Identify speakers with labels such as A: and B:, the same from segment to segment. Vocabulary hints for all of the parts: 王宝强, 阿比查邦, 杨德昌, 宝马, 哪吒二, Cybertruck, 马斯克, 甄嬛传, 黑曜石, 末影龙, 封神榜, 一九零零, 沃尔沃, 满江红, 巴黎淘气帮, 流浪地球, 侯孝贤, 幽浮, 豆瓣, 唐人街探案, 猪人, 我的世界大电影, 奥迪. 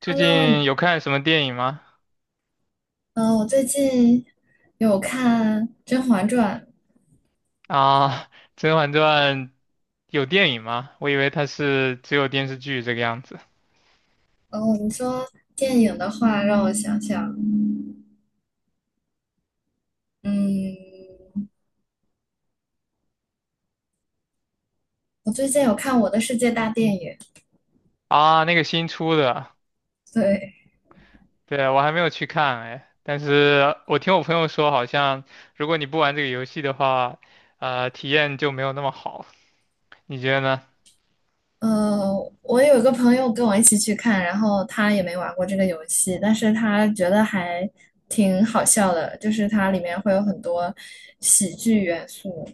A: 最
B: Hello，
A: 近有看什么电影吗？
B: 我最近有看《甄嬛传》。
A: 啊，《甄嬛传》有电影吗？我以为它是只有电视剧这个样子。
B: 哦，你说电影的话，让我想想。嗯，我最近有看《我的世界大电影》。
A: 啊，那个新出的，
B: 对，
A: 对，我还没有去看哎，但是我听我朋友说，好像如果你不玩这个游戏的话，体验就没有那么好。你觉得呢？
B: 呃，我有一个朋友跟我一起去看，然后他也没玩过这个游戏，但是他觉得还挺好笑的，就是它里面会有很多喜剧元素。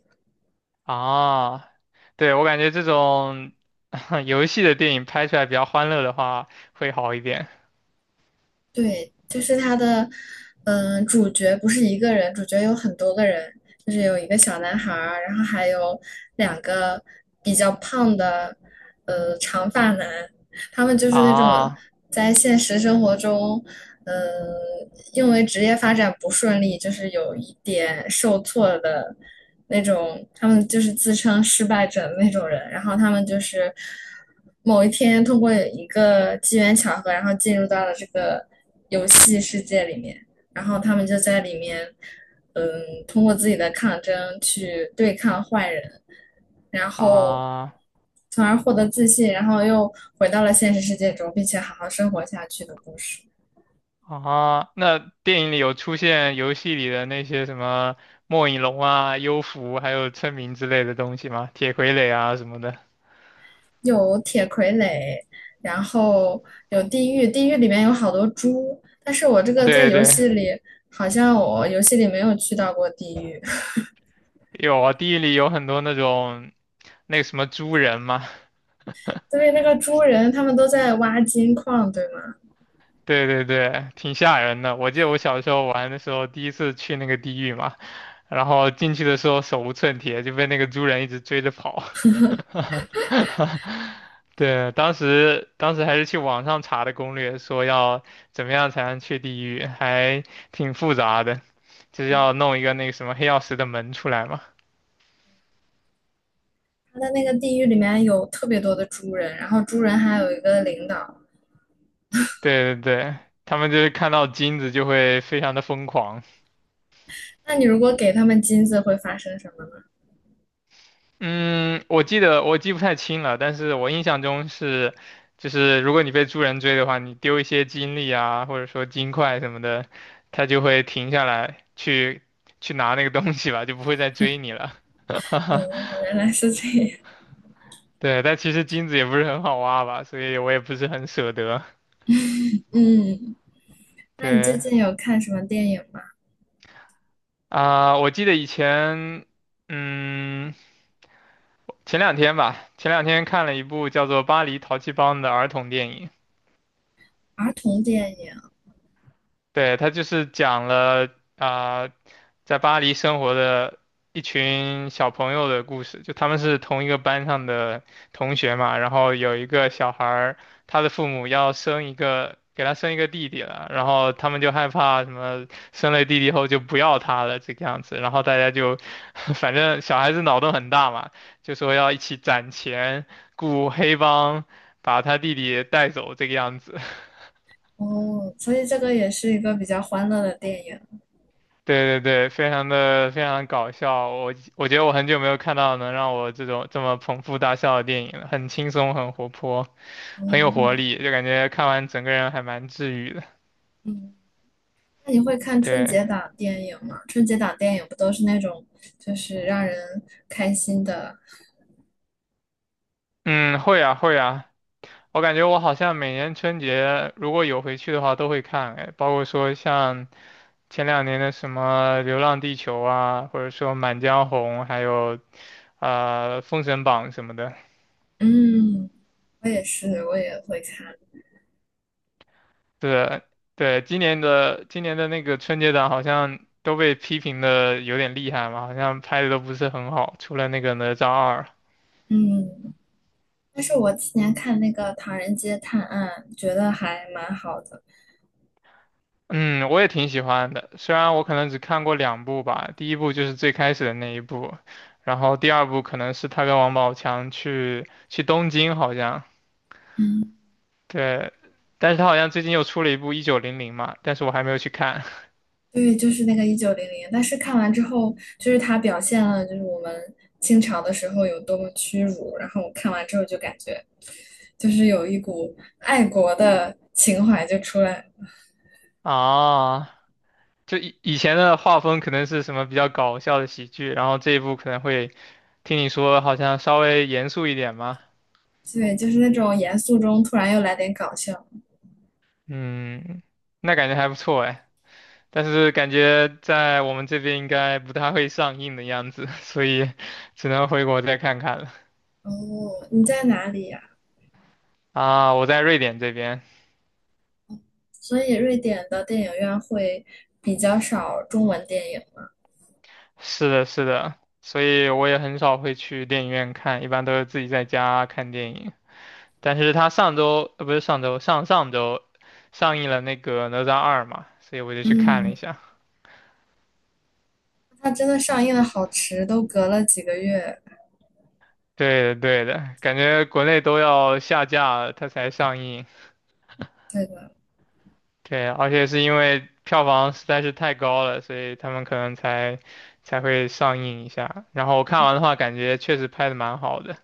A: 啊，对，我感觉这种 游戏的电影拍出来比较欢乐的话，会好一点。
B: 对，就是他的，主角不是一个人，主角有很多个人，就是有一个小男孩儿，然后还有2个比较胖的，长发男，他们就是那种
A: 啊
B: 在现实生活中，嗯、呃因为职业发展不顺利，就是有一点受挫的那种，他们就是自称失败者的那种人，然后他们就是某一天通过一个机缘巧合，然后进入到了这个游戏世界里面，然后他们就在里面，嗯，通过自己的抗争去对抗坏人。然后
A: 啊。
B: 从而获得自信，然后又回到了现实世界中，并且好好生活下去的故事。
A: 啊，那电影里有出现游戏里的那些什么末影龙啊、幽浮，还有村民之类的东西吗？铁傀儡啊什么的。
B: 有铁傀儡，然后有地狱，地狱里面有好多猪，但是我这 个在
A: 对
B: 游
A: 对，
B: 戏里好像我游戏里没有去到过地狱，
A: 有啊，地狱里有很多那种那个什么猪人嘛。
B: 对，那个猪人他们都在挖金矿，对吗？
A: 对对对，挺吓人的。我记得我小时候玩的时候，第一次去那个地狱嘛，然后进去的时候手无寸铁，就被那个猪人一直追着跑。对，当时还是去网上查的攻略，说要怎么样才能去地狱，还挺复杂的，就是要弄一个那个什么黑曜石的门出来嘛。
B: 他的那个地狱里面有特别多的猪人，然后猪人还有一个领导。
A: 对对对，他们就是看到金子就会非常的疯狂。
B: 那你如果给他们金子，会发生什么呢？
A: 嗯，我记得我记不太清了，但是我印象中是，就是如果你被猪人追的话，你丢一些金粒啊，或者说金块什么的，它就会停下来去拿那个东西吧，就不会再追你了。
B: 哦，原来是这样。
A: 对，但其实金子也不是很好挖吧，所以我也不是很舍得。
B: 嗯。那你最
A: 对
B: 近有看什么电影吗？
A: 啊，我记得以前，嗯，前两天吧，前两天看了一部叫做《巴黎淘气帮》的儿童电影。
B: 儿童电影。
A: 对，他就是讲了啊、在巴黎生活的一群小朋友的故事，就他们是同一个班上的同学嘛，然后有一个小孩儿，他的父母要生一个，给他生一个弟弟了，然后他们就害怕什么生了弟弟后就不要他了这个样子，然后大家就，反正小孩子脑洞很大嘛，就说要一起攒钱雇黑帮把他弟弟带走这个样子。
B: 哦，所以这个也是一个比较欢乐的电影。
A: 对对对，非常搞笑，我觉得我很久没有看到能让我这么捧腹大笑的电影了，很轻松，很活泼，很有活
B: 嗯，
A: 力，就感觉看完整个人还蛮治愈的。
B: 嗯，那你会看春
A: 对，
B: 节档电影吗？春节档电影不都是那种就是让人开心的？
A: 嗯，会啊会啊，我感觉我好像每年春节如果有回去的话都会看，哎，包括说像前两年的什么《流浪地球》啊，或者说《满江红》，还有《封神榜》什么的。
B: 嗯，我也是，我也会看。
A: 对对，今年的那个春节档好像都被批评的有点厉害嘛，好像拍的都不是很好，除了那个哪吒二，
B: 嗯，但是我今年看那个《唐人街探案》，觉得还蛮好的。
A: 嗯，我也挺喜欢的，虽然我可能只看过两部吧，第一部就是最开始的那一部，然后第二部可能是他跟王宝强去东京好像，
B: 嗯。
A: 对，但是他好像最近又出了一部1900嘛，但是我还没有去看
B: 对，就是那个1900，但是看完之后，就是它表现了就是我们清朝的时候有多么屈辱，然后我看完之后就感觉，就是有一股爱国的情怀就出来，
A: 啊。就以前的画风可能是什么比较搞笑的喜剧，然后这一部可能会听你说好像稍微严肃一点嘛，
B: 对，就是那种严肃中突然又来点搞笑。
A: 嗯，那感觉还不错哎，但是感觉在我们这边应该不太会上映的样子，所以 只能回国再看看了。
B: 哦，你在哪里呀？
A: 啊，我在瑞典这边，
B: 所以瑞典的电影院会比较少中文电影。
A: 是的，是的，所以我也很少会去电影院看，一般都是自己在家看电影。但是他上周，不是上周，上上周上映了那个《哪吒2》嘛，所以我就去看了
B: 嗯，
A: 一下。
B: 它真的上映的好迟，都隔了几个月。
A: 对的，对的，感觉国内都要下架了，它才上映。
B: 对的。
A: 对，而且是因为票房实在是太高了，所以他们可能才会上映一下。然后我看完的话，感觉确实拍的蛮好的，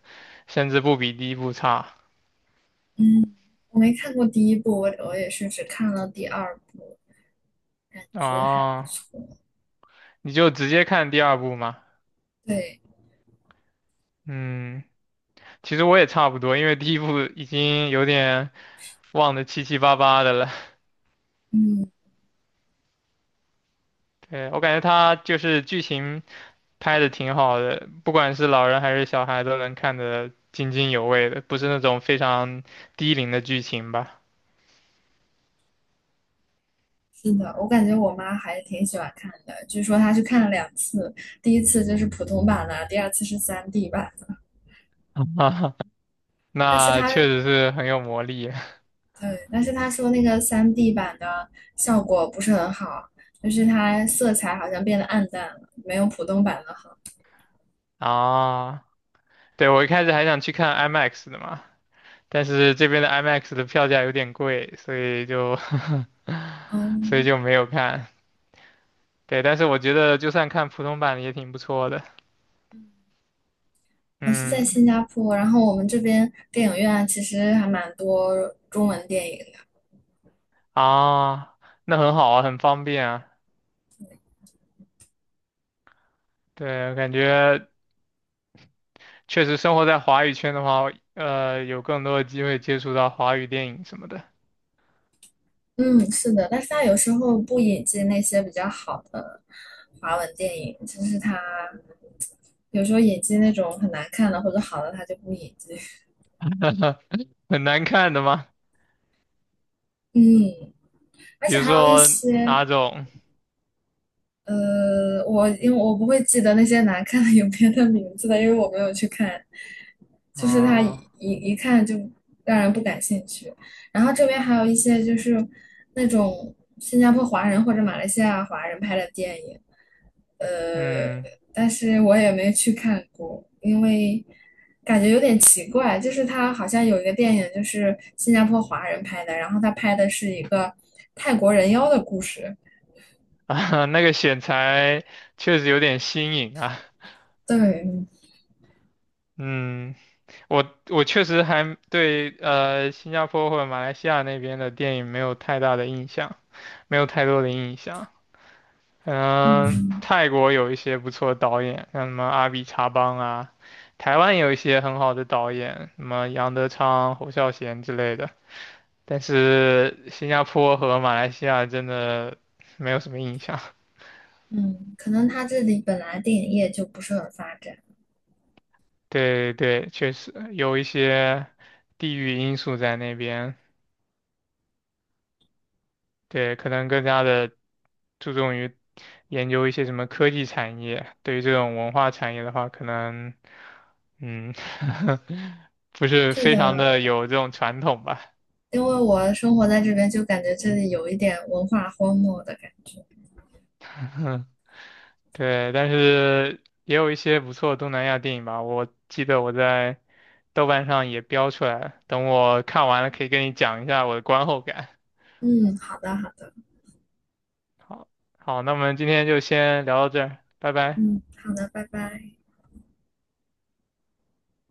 A: 甚至不比第一部差。
B: 嗯，我没看过第一部，我也是只看了第二部，感觉还不
A: 哦，
B: 错。
A: 你就直接看第二部嘛。
B: 对，
A: 嗯，其实我也差不多，因为第一部已经有点忘得七七八八的了。
B: 嗯，
A: 对，我感觉它就是剧情拍的挺好的，不管是老人还是小孩都能看得津津有味的，不是那种非常低龄的剧情吧。
B: 是的，我感觉我妈还挺喜欢看的，据说她去看了2次，第一次就是普通版的，第二次是 3D 版的。但是
A: 那
B: 她，
A: 确实是很有魔力
B: 对，但是她说那个 3D 版的效果不是很好，就是它色彩好像变得暗淡了，没有普通版的好。
A: 啊！对，我一开始还想去看 IMAX 的嘛，但是这边的 IMAX 的票价有点贵，所以就 所以
B: 嗯。
A: 就没有看。对，但是我觉得就算看普通版也挺不错的。
B: 我是在
A: 嗯，
B: 新加坡，然后我们这边电影院啊其实还蛮多中文电影。
A: 啊，那很好啊，很方便啊。对，感觉确实生活在华语圈的话，有更多的机会接触到华语电影什么的。
B: 嗯，是的，但是他有时候不引进那些比较好的华文电影，就是他有时候引进那种很难看的或者好的，他就不引进。
A: 很难看的吗？
B: 嗯，而
A: 比
B: 且
A: 如
B: 还有一
A: 说
B: 些
A: 哪种？
B: 因为我不会记得那些难看的影片的名字的，因为我没有去看，就是它一
A: 啊？
B: 一看就让人不感兴趣。然后这边还有一些就是那种新加坡华人或者马来西亚华人拍的电影，呃，
A: 嗯，
B: 但是我也没去看过，因为感觉有点奇怪，就是他好像有一个电影就是新加坡华人拍的，然后他拍的是一个泰国人妖的故事，
A: 那个选材确实有点新颖啊。
B: 对。
A: 嗯，我确实还对新加坡或者马来西亚那边的电影没有太大的印象，没有太多的印象。嗯，
B: 嗯。
A: 泰国有一些不错的导演，像什么阿比查邦啊，台湾有一些很好的导演，什么杨德昌、侯孝贤之类的。但是新加坡和马来西亚真的没有什么印象。
B: 嗯，可能他这里本来电影业就不是很发展。
A: 对对，确实有一些地域因素在那边，对，可能更加的注重于研究一些什么科技产业。对于这种文化产业的话，可能嗯，不是
B: 对
A: 非常的
B: 的，
A: 有这种传统吧。
B: 因为我生活在这边，就感觉这里有一点文化荒漠的感觉。
A: 对，但是也有一些不错的东南亚电影吧。我记得我在豆瓣上也标出来了，等我看完了可以跟你讲一下我的观后感。
B: 嗯，好的，好的，
A: 好，好，那我们今天就先聊到这儿，拜拜。
B: 嗯，好的，拜拜。